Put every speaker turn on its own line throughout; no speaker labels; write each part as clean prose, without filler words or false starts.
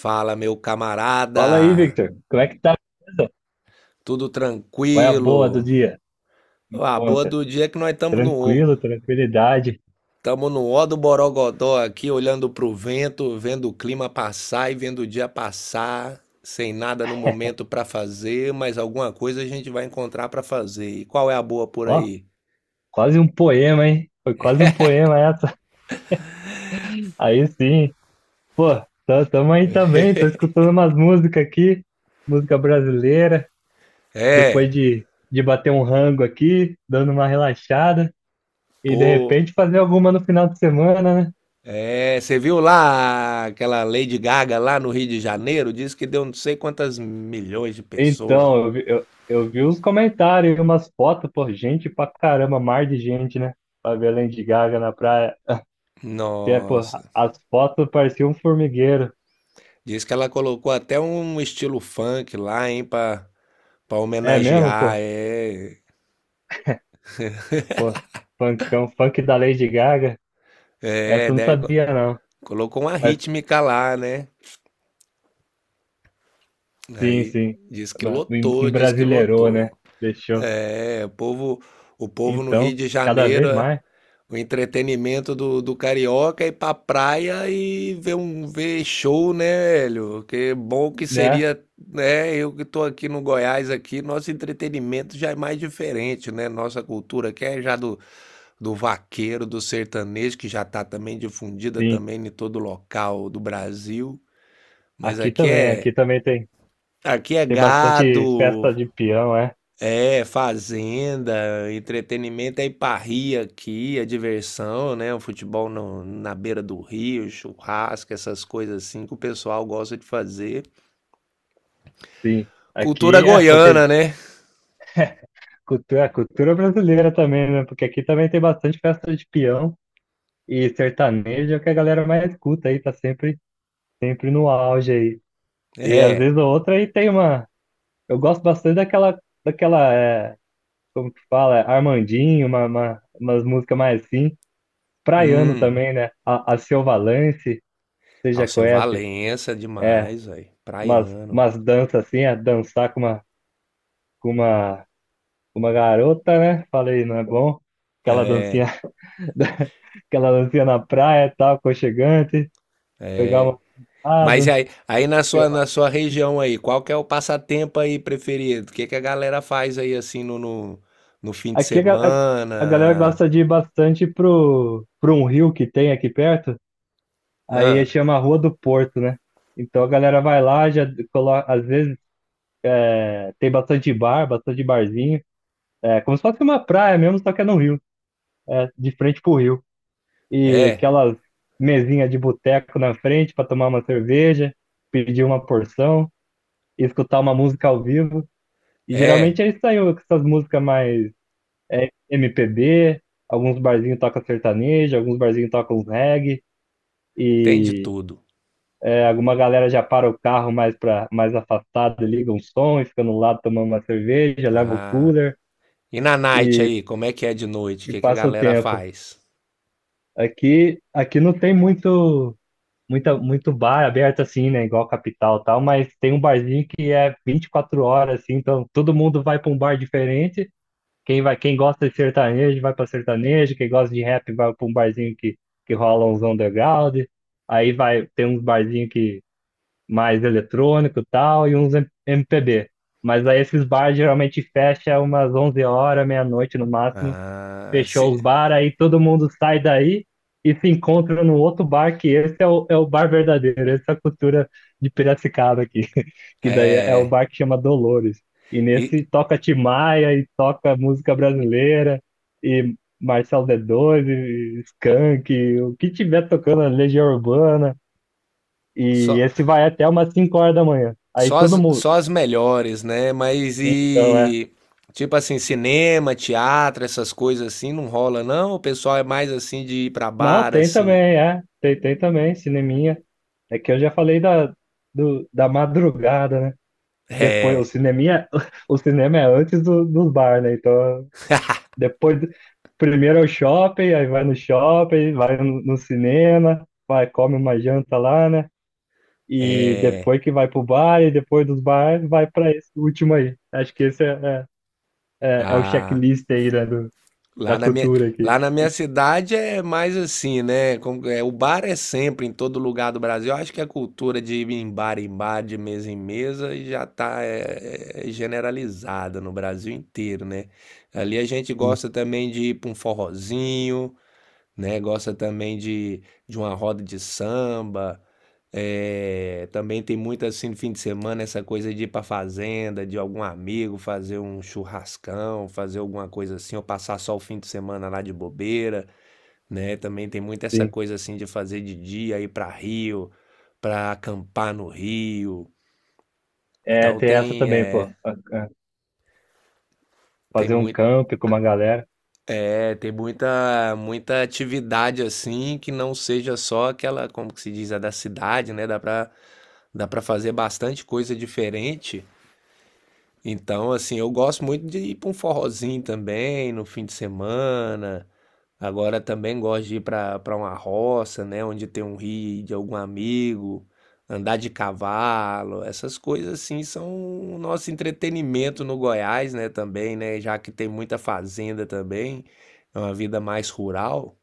Fala, meu
Fala aí,
camarada.
Victor. Como é que tá? Beleza?
Tudo
Qual é a boa do
tranquilo.
dia? Me
A boa
conta.
do dia é que nós
Tranquilo, tranquilidade.
estamos no ó do Borogodó aqui, olhando pro vento, vendo o clima passar e vendo o dia passar, sem nada no momento para fazer, mas alguma coisa a gente vai encontrar para fazer. E qual é a boa por
Ó,
aí?
quase um poema, hein? Foi quase um poema essa. Aí sim. Pô, tamo aí também. Tô escutando umas músicas aqui. Música brasileira. Depois
É,
de bater um rango aqui, dando uma relaxada. E de
pô,
repente fazer alguma no final de semana, né?
você viu lá aquela Lady Gaga lá no Rio de Janeiro? Diz que deu não sei quantas milhões de pessoas.
Então, eu vi os comentários, umas fotos, pô, gente pra caramba, mar de gente, né? Pra ver a Lady Gaga na praia. Que é, pô,
Nossa,
as fotos pareciam um formigueiro.
diz que ela colocou até um estilo funk lá, hein, pra
É mesmo,
homenagear,
pô? Pô, funkão, funk da Lady Gaga. Essa eu não
né?
sabia, não.
Colocou uma
Mas
rítmica lá, né?
sim,
Aí
sim.
diz que lotou, diz que
Embrasileirou,
lotou.
né? Deixou.
É, o povo, o povo no Rio
Então,
de
cada
Janeiro,
vez mais,
o entretenimento do carioca é ir pra praia e ver um ver show, né, velho? Que bom que
né?
seria, né? Eu que tô aqui no Goiás aqui, nosso entretenimento já é mais diferente, né? Nossa cultura aqui é já do vaqueiro, do sertanejo, que já está também difundida
Sim.
também em todo local do Brasil. Mas
Aqui
aqui
também,
é
aqui também tem,
aqui é
tem bastante
gado,
festa de peão, é?
é fazenda, entretenimento é parria aqui, a diversão, né? O futebol na beira do rio, churrasco, essas coisas assim que o pessoal gosta de fazer.
Sim.
Cultura
Aqui, é, pô,
goiana,
tem
né?
cultura brasileira também, né? Porque aqui também tem bastante festa de peão e sertanejo, que a galera mais escuta aí, tá sempre, sempre no auge aí. E às
É.
vezes a outra aí tem uma. Eu gosto bastante daquela, que fala, Armandinho, umas músicas mais assim. Praiano
Hum.
também, né? A Seu Valance, você já
Alceu
conhece?
Valença
É,
demais, velho.
umas,
Praiano.
umas danças assim, é dançar com uma, com uma garota, né? Falei, não é bom? Aquela dancinha, da- aquela dancinha na praia e tal, aconchegante, pegar uma. Ah,
Mas
do
aí,
Seu
na
Valente.
sua região aí, qual que é o passatempo aí preferido? O que que a galera faz aí assim no fim de
Aqui a galera
semana?
gosta de ir bastante pro, um rio que tem aqui perto. Aí
Ah,
chama Rua do Porto, né? Então a galera vai lá, já coloca, às vezes tem bastante bar, bastante barzinho. É como se fosse uma praia mesmo, só que é no rio, de frente pro rio. E
é,
aquelas mesinhas de boteco na frente para tomar uma cerveja, pedir uma porção, escutar uma música ao vivo. E geralmente
é,
é isso aí, com essas músicas mais MPB, alguns barzinhos tocam sertanejo, alguns barzinhos tocam reggae.
tem de
E
tudo.
alguma galera já para o carro mais para mais afastado, liga um som, e fica no lado tomando uma cerveja, leva o
Ah.
cooler
E na night
e,
aí, como é que é de noite? O
e
que que a
passa o
galera
tempo.
faz?
Aqui não tem muito, muita, muito bar aberto assim, né? Igual capital e tal, mas tem um barzinho que é 24 horas, assim, então todo mundo vai para um bar diferente. Quem vai, quem gosta de sertanejo vai para sertanejo, quem gosta de rap vai para um barzinho que rola uns underground. Aí vai, tem uns barzinhos que mais eletrônico e tal, e uns MPB. Mas aí esses bares geralmente fecha umas 11h, meia-noite no máximo.
Ah,
Fechou
se,
os bar, aí todo mundo sai daí e se encontra no outro bar, que esse é o bar verdadeiro, essa é a cultura de Piracicaba aqui, que daí é o
é,
bar que chama Dolores. E
e
nesse toca Tim Maia e toca música brasileira e Marcelo D2 e Skank, e o que tiver tocando, Legião Urbana. E
só,
esse vai até umas 5h da manhã. Aí todo mundo.
Só as melhores, né? Mas
Então, é.
e. Tipo assim, cinema, teatro, essas coisas assim, não rola, não? O pessoal é mais assim de ir pra
Não,
bar,
tem
assim.
também, é. Tem também, cineminha. É que eu já falei da madrugada, né? Depois, o
É.
cineminha, o cinema é antes dos bar, né? Então, depois, primeiro é o shopping, aí vai no shopping, vai no cinema, vai, come uma janta lá, né? E depois que vai pro bar, e depois dos bar, vai pra esse último aí. Acho que esse é, é o
Ah.
checklist aí, né? Da
Lá na minha,
cultura
lá
aqui.
na minha cidade é mais assim, né? É, o bar é sempre em todo lugar do Brasil. Eu acho que a cultura de ir em bar, de mesa em mesa, já tá é generalizada no Brasil inteiro, né? Ali a gente
Sim,
gosta também de ir pra um forrozinho. Né? Gosta também de uma roda de samba. Também tem muito assim no fim de semana essa coisa de ir pra fazenda, de algum amigo fazer um churrascão, fazer alguma coisa assim, ou passar só o fim de semana lá de bobeira, né? Também tem muito essa
sim.
coisa assim de fazer de dia, ir pra Rio, pra acampar no Rio.
É,
Então
tem essa
tem,
também, pô.
eh, tem
Fazer um
muito,
camp com uma galera,
é, tem muita, muita atividade assim que não seja só aquela, como que se diz, a da cidade, né? Dá pra fazer bastante coisa diferente. Então, assim, eu gosto muito de ir pra um forrozinho também no fim de semana. Agora também gosto de ir pra uma roça, né? Onde tem um rio de algum amigo, andar de cavalo. Essas coisas, assim, são o nosso entretenimento no Goiás, né? Também, né? Já que tem muita fazenda também, é uma vida mais rural,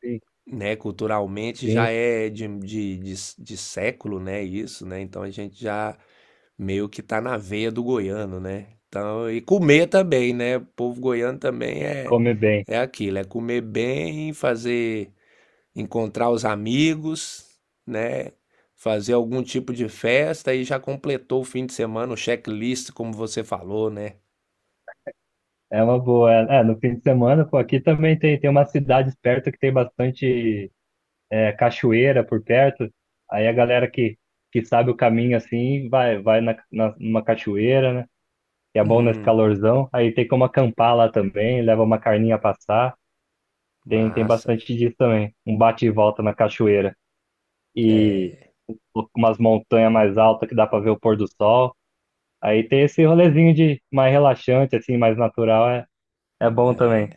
sim.
né, culturalmente já
Sim,
é de século, né, isso, né, então a gente já meio que tá na veia do goiano, né? Então, e comer também, né? O povo goiano também é
comer bem.
é aquilo, é comer bem, fazer encontrar os amigos, né? Fazer algum tipo de festa e já completou o fim de semana, o checklist, como você falou, né?
É uma boa. No fim de semana, pô, aqui também tem umas cidades perto que tem bastante cachoeira por perto. Aí a galera que sabe o caminho assim, vai na, numa cachoeira, né? Que é bom nesse
Hum,
calorzão. Aí tem como acampar lá também, leva uma carninha a passar. Tem
massa.
bastante disso também. Um bate e volta na cachoeira. E umas montanhas mais altas que dá pra ver o pôr do sol. Aí tem esse rolezinho de mais relaxante, assim, mais natural, é bom também.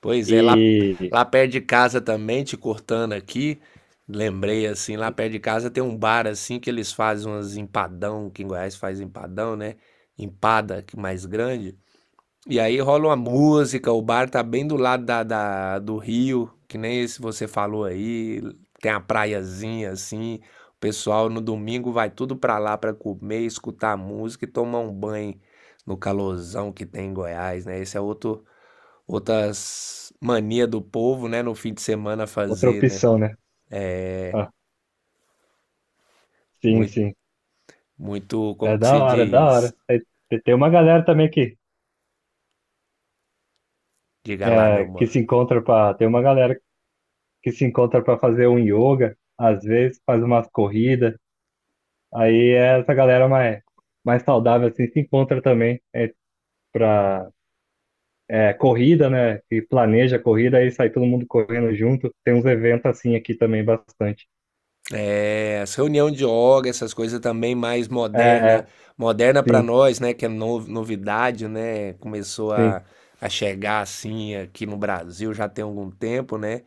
Pois é, lá,
E
lá perto de casa também, te cortando aqui, lembrei assim, lá perto de casa tem um bar assim que eles fazem umas empadão, que em Goiás faz empadão, né? Empada que mais grande. E aí rola uma música, o bar tá bem do lado do rio, que nem esse você falou aí, tem a praiazinha assim. O pessoal no domingo vai tudo pra lá pra comer, escutar música e tomar um banho no calorzão que tem em Goiás, né? Esse é outro outras mania do povo, né, no fim de semana
outra
fazer, né?
opção, né? Ah, sim,
Muito,
sim.
muito,
É
como que
da
se
hora, é da hora.
diz?
Aí tem uma galera também que,
Diga lá, meu
é, que se
mano.
encontra pra. Tem uma galera que se encontra pra fazer um yoga, às vezes faz umas corridas. Aí essa galera mais saudável assim se encontra também pra corrida, né? Que planeja a corrida e sai todo mundo correndo junto. Tem uns eventos assim aqui também bastante.
É, as reunião de yoga, essas coisas também mais
É,
moderna,
é,
moderna para
sim,
nós, né, que é novidade, né? Começou
sim.
a chegar assim aqui no Brasil já tem algum tempo, né?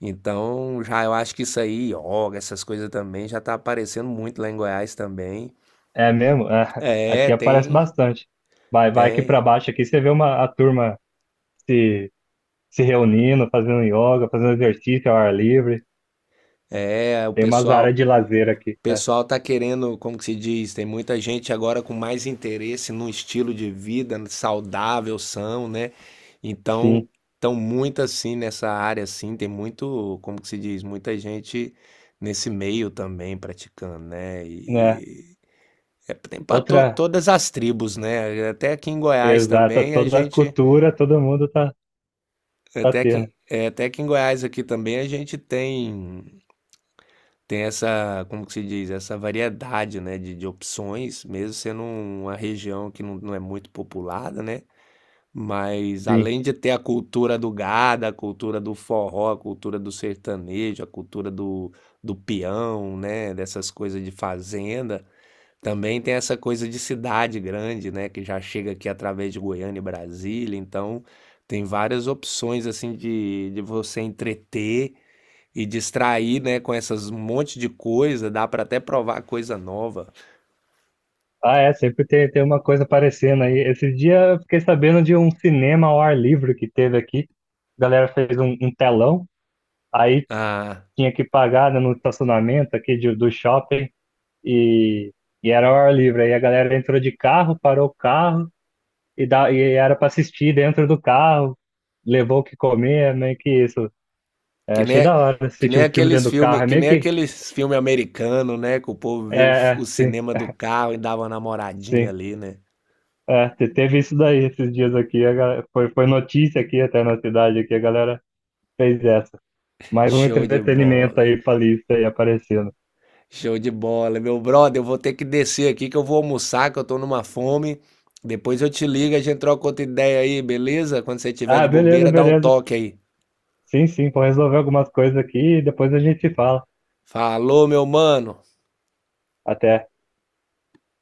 Então, já eu acho que isso aí, yoga, essas coisas também já tá aparecendo muito lá em Goiás também.
É mesmo? É,
É,
aqui aparece
tem,
bastante. Vai aqui para
tem.
baixo aqui, você vê a turma se, se reunindo, fazendo yoga, fazendo exercício ao ar livre.
É, o
Tem umas áreas
pessoal
de lazer aqui. É,
pessoal tá querendo, como que se diz, tem muita gente agora com mais interesse num estilo de vida saudável, são, né? Então,
sim,
estão muito assim nessa área assim, tem muito, como que se diz, muita gente nesse meio também praticando, né?
né?
E é, tem para
Outra,
todas as tribos, né? Até aqui em Goiás
exata,
também a
toda a
gente,
cultura, todo mundo tá
até que
tendo.
até aqui em Goiás aqui também a gente tem. Tem essa, como que se diz? Essa variedade, né, de opções, mesmo sendo uma região que não é muito populada, né, mas
Sim.
além de ter a cultura do gado, a cultura do forró, a cultura do sertanejo, a cultura do peão, né, dessas coisas de fazenda, também tem essa coisa de cidade grande, né, que já chega aqui através de Goiânia e Brasília, então tem várias opções, assim, de você entreter e distrair, né, com essas um monte de coisa, dá pra até provar coisa nova.
Ah, é, sempre tem uma coisa aparecendo aí. Esse dia eu fiquei sabendo de um cinema ao ar livre que teve aqui. A galera fez um telão, aí
Ah,
tinha que pagar, né, no estacionamento aqui do shopping e, e era ao ar livre. Aí a galera entrou de carro, parou o carro e era para assistir dentro do carro, levou o que comer, meio que isso. É,
que
achei
nem
da hora
que
assistir
nem
um filme
aqueles
dentro do
filmes,
carro, é
que
meio
nem
que.
aqueles filme americano, né, que o povo viu
É,
o
é, sim,
cinema do carro e dava uma namoradinha
sim.
ali, né?
É, teve isso daí esses dias aqui, a galera, foi notícia aqui até na cidade aqui, a galera fez essa. Mais um
Show de
entretenimento
bola.
aí pra lista aí aparecendo.
Show de bola, meu brother, eu vou ter que descer aqui que eu vou almoçar, que eu tô numa fome. Depois eu te ligo, a gente troca outra ideia aí, beleza? Quando você tiver
Ah,
de
beleza,
bobeira, dá um
beleza.
toque aí.
Sim, sim, vou resolver algumas coisas aqui e depois a gente fala.
Falou, meu mano.
Até.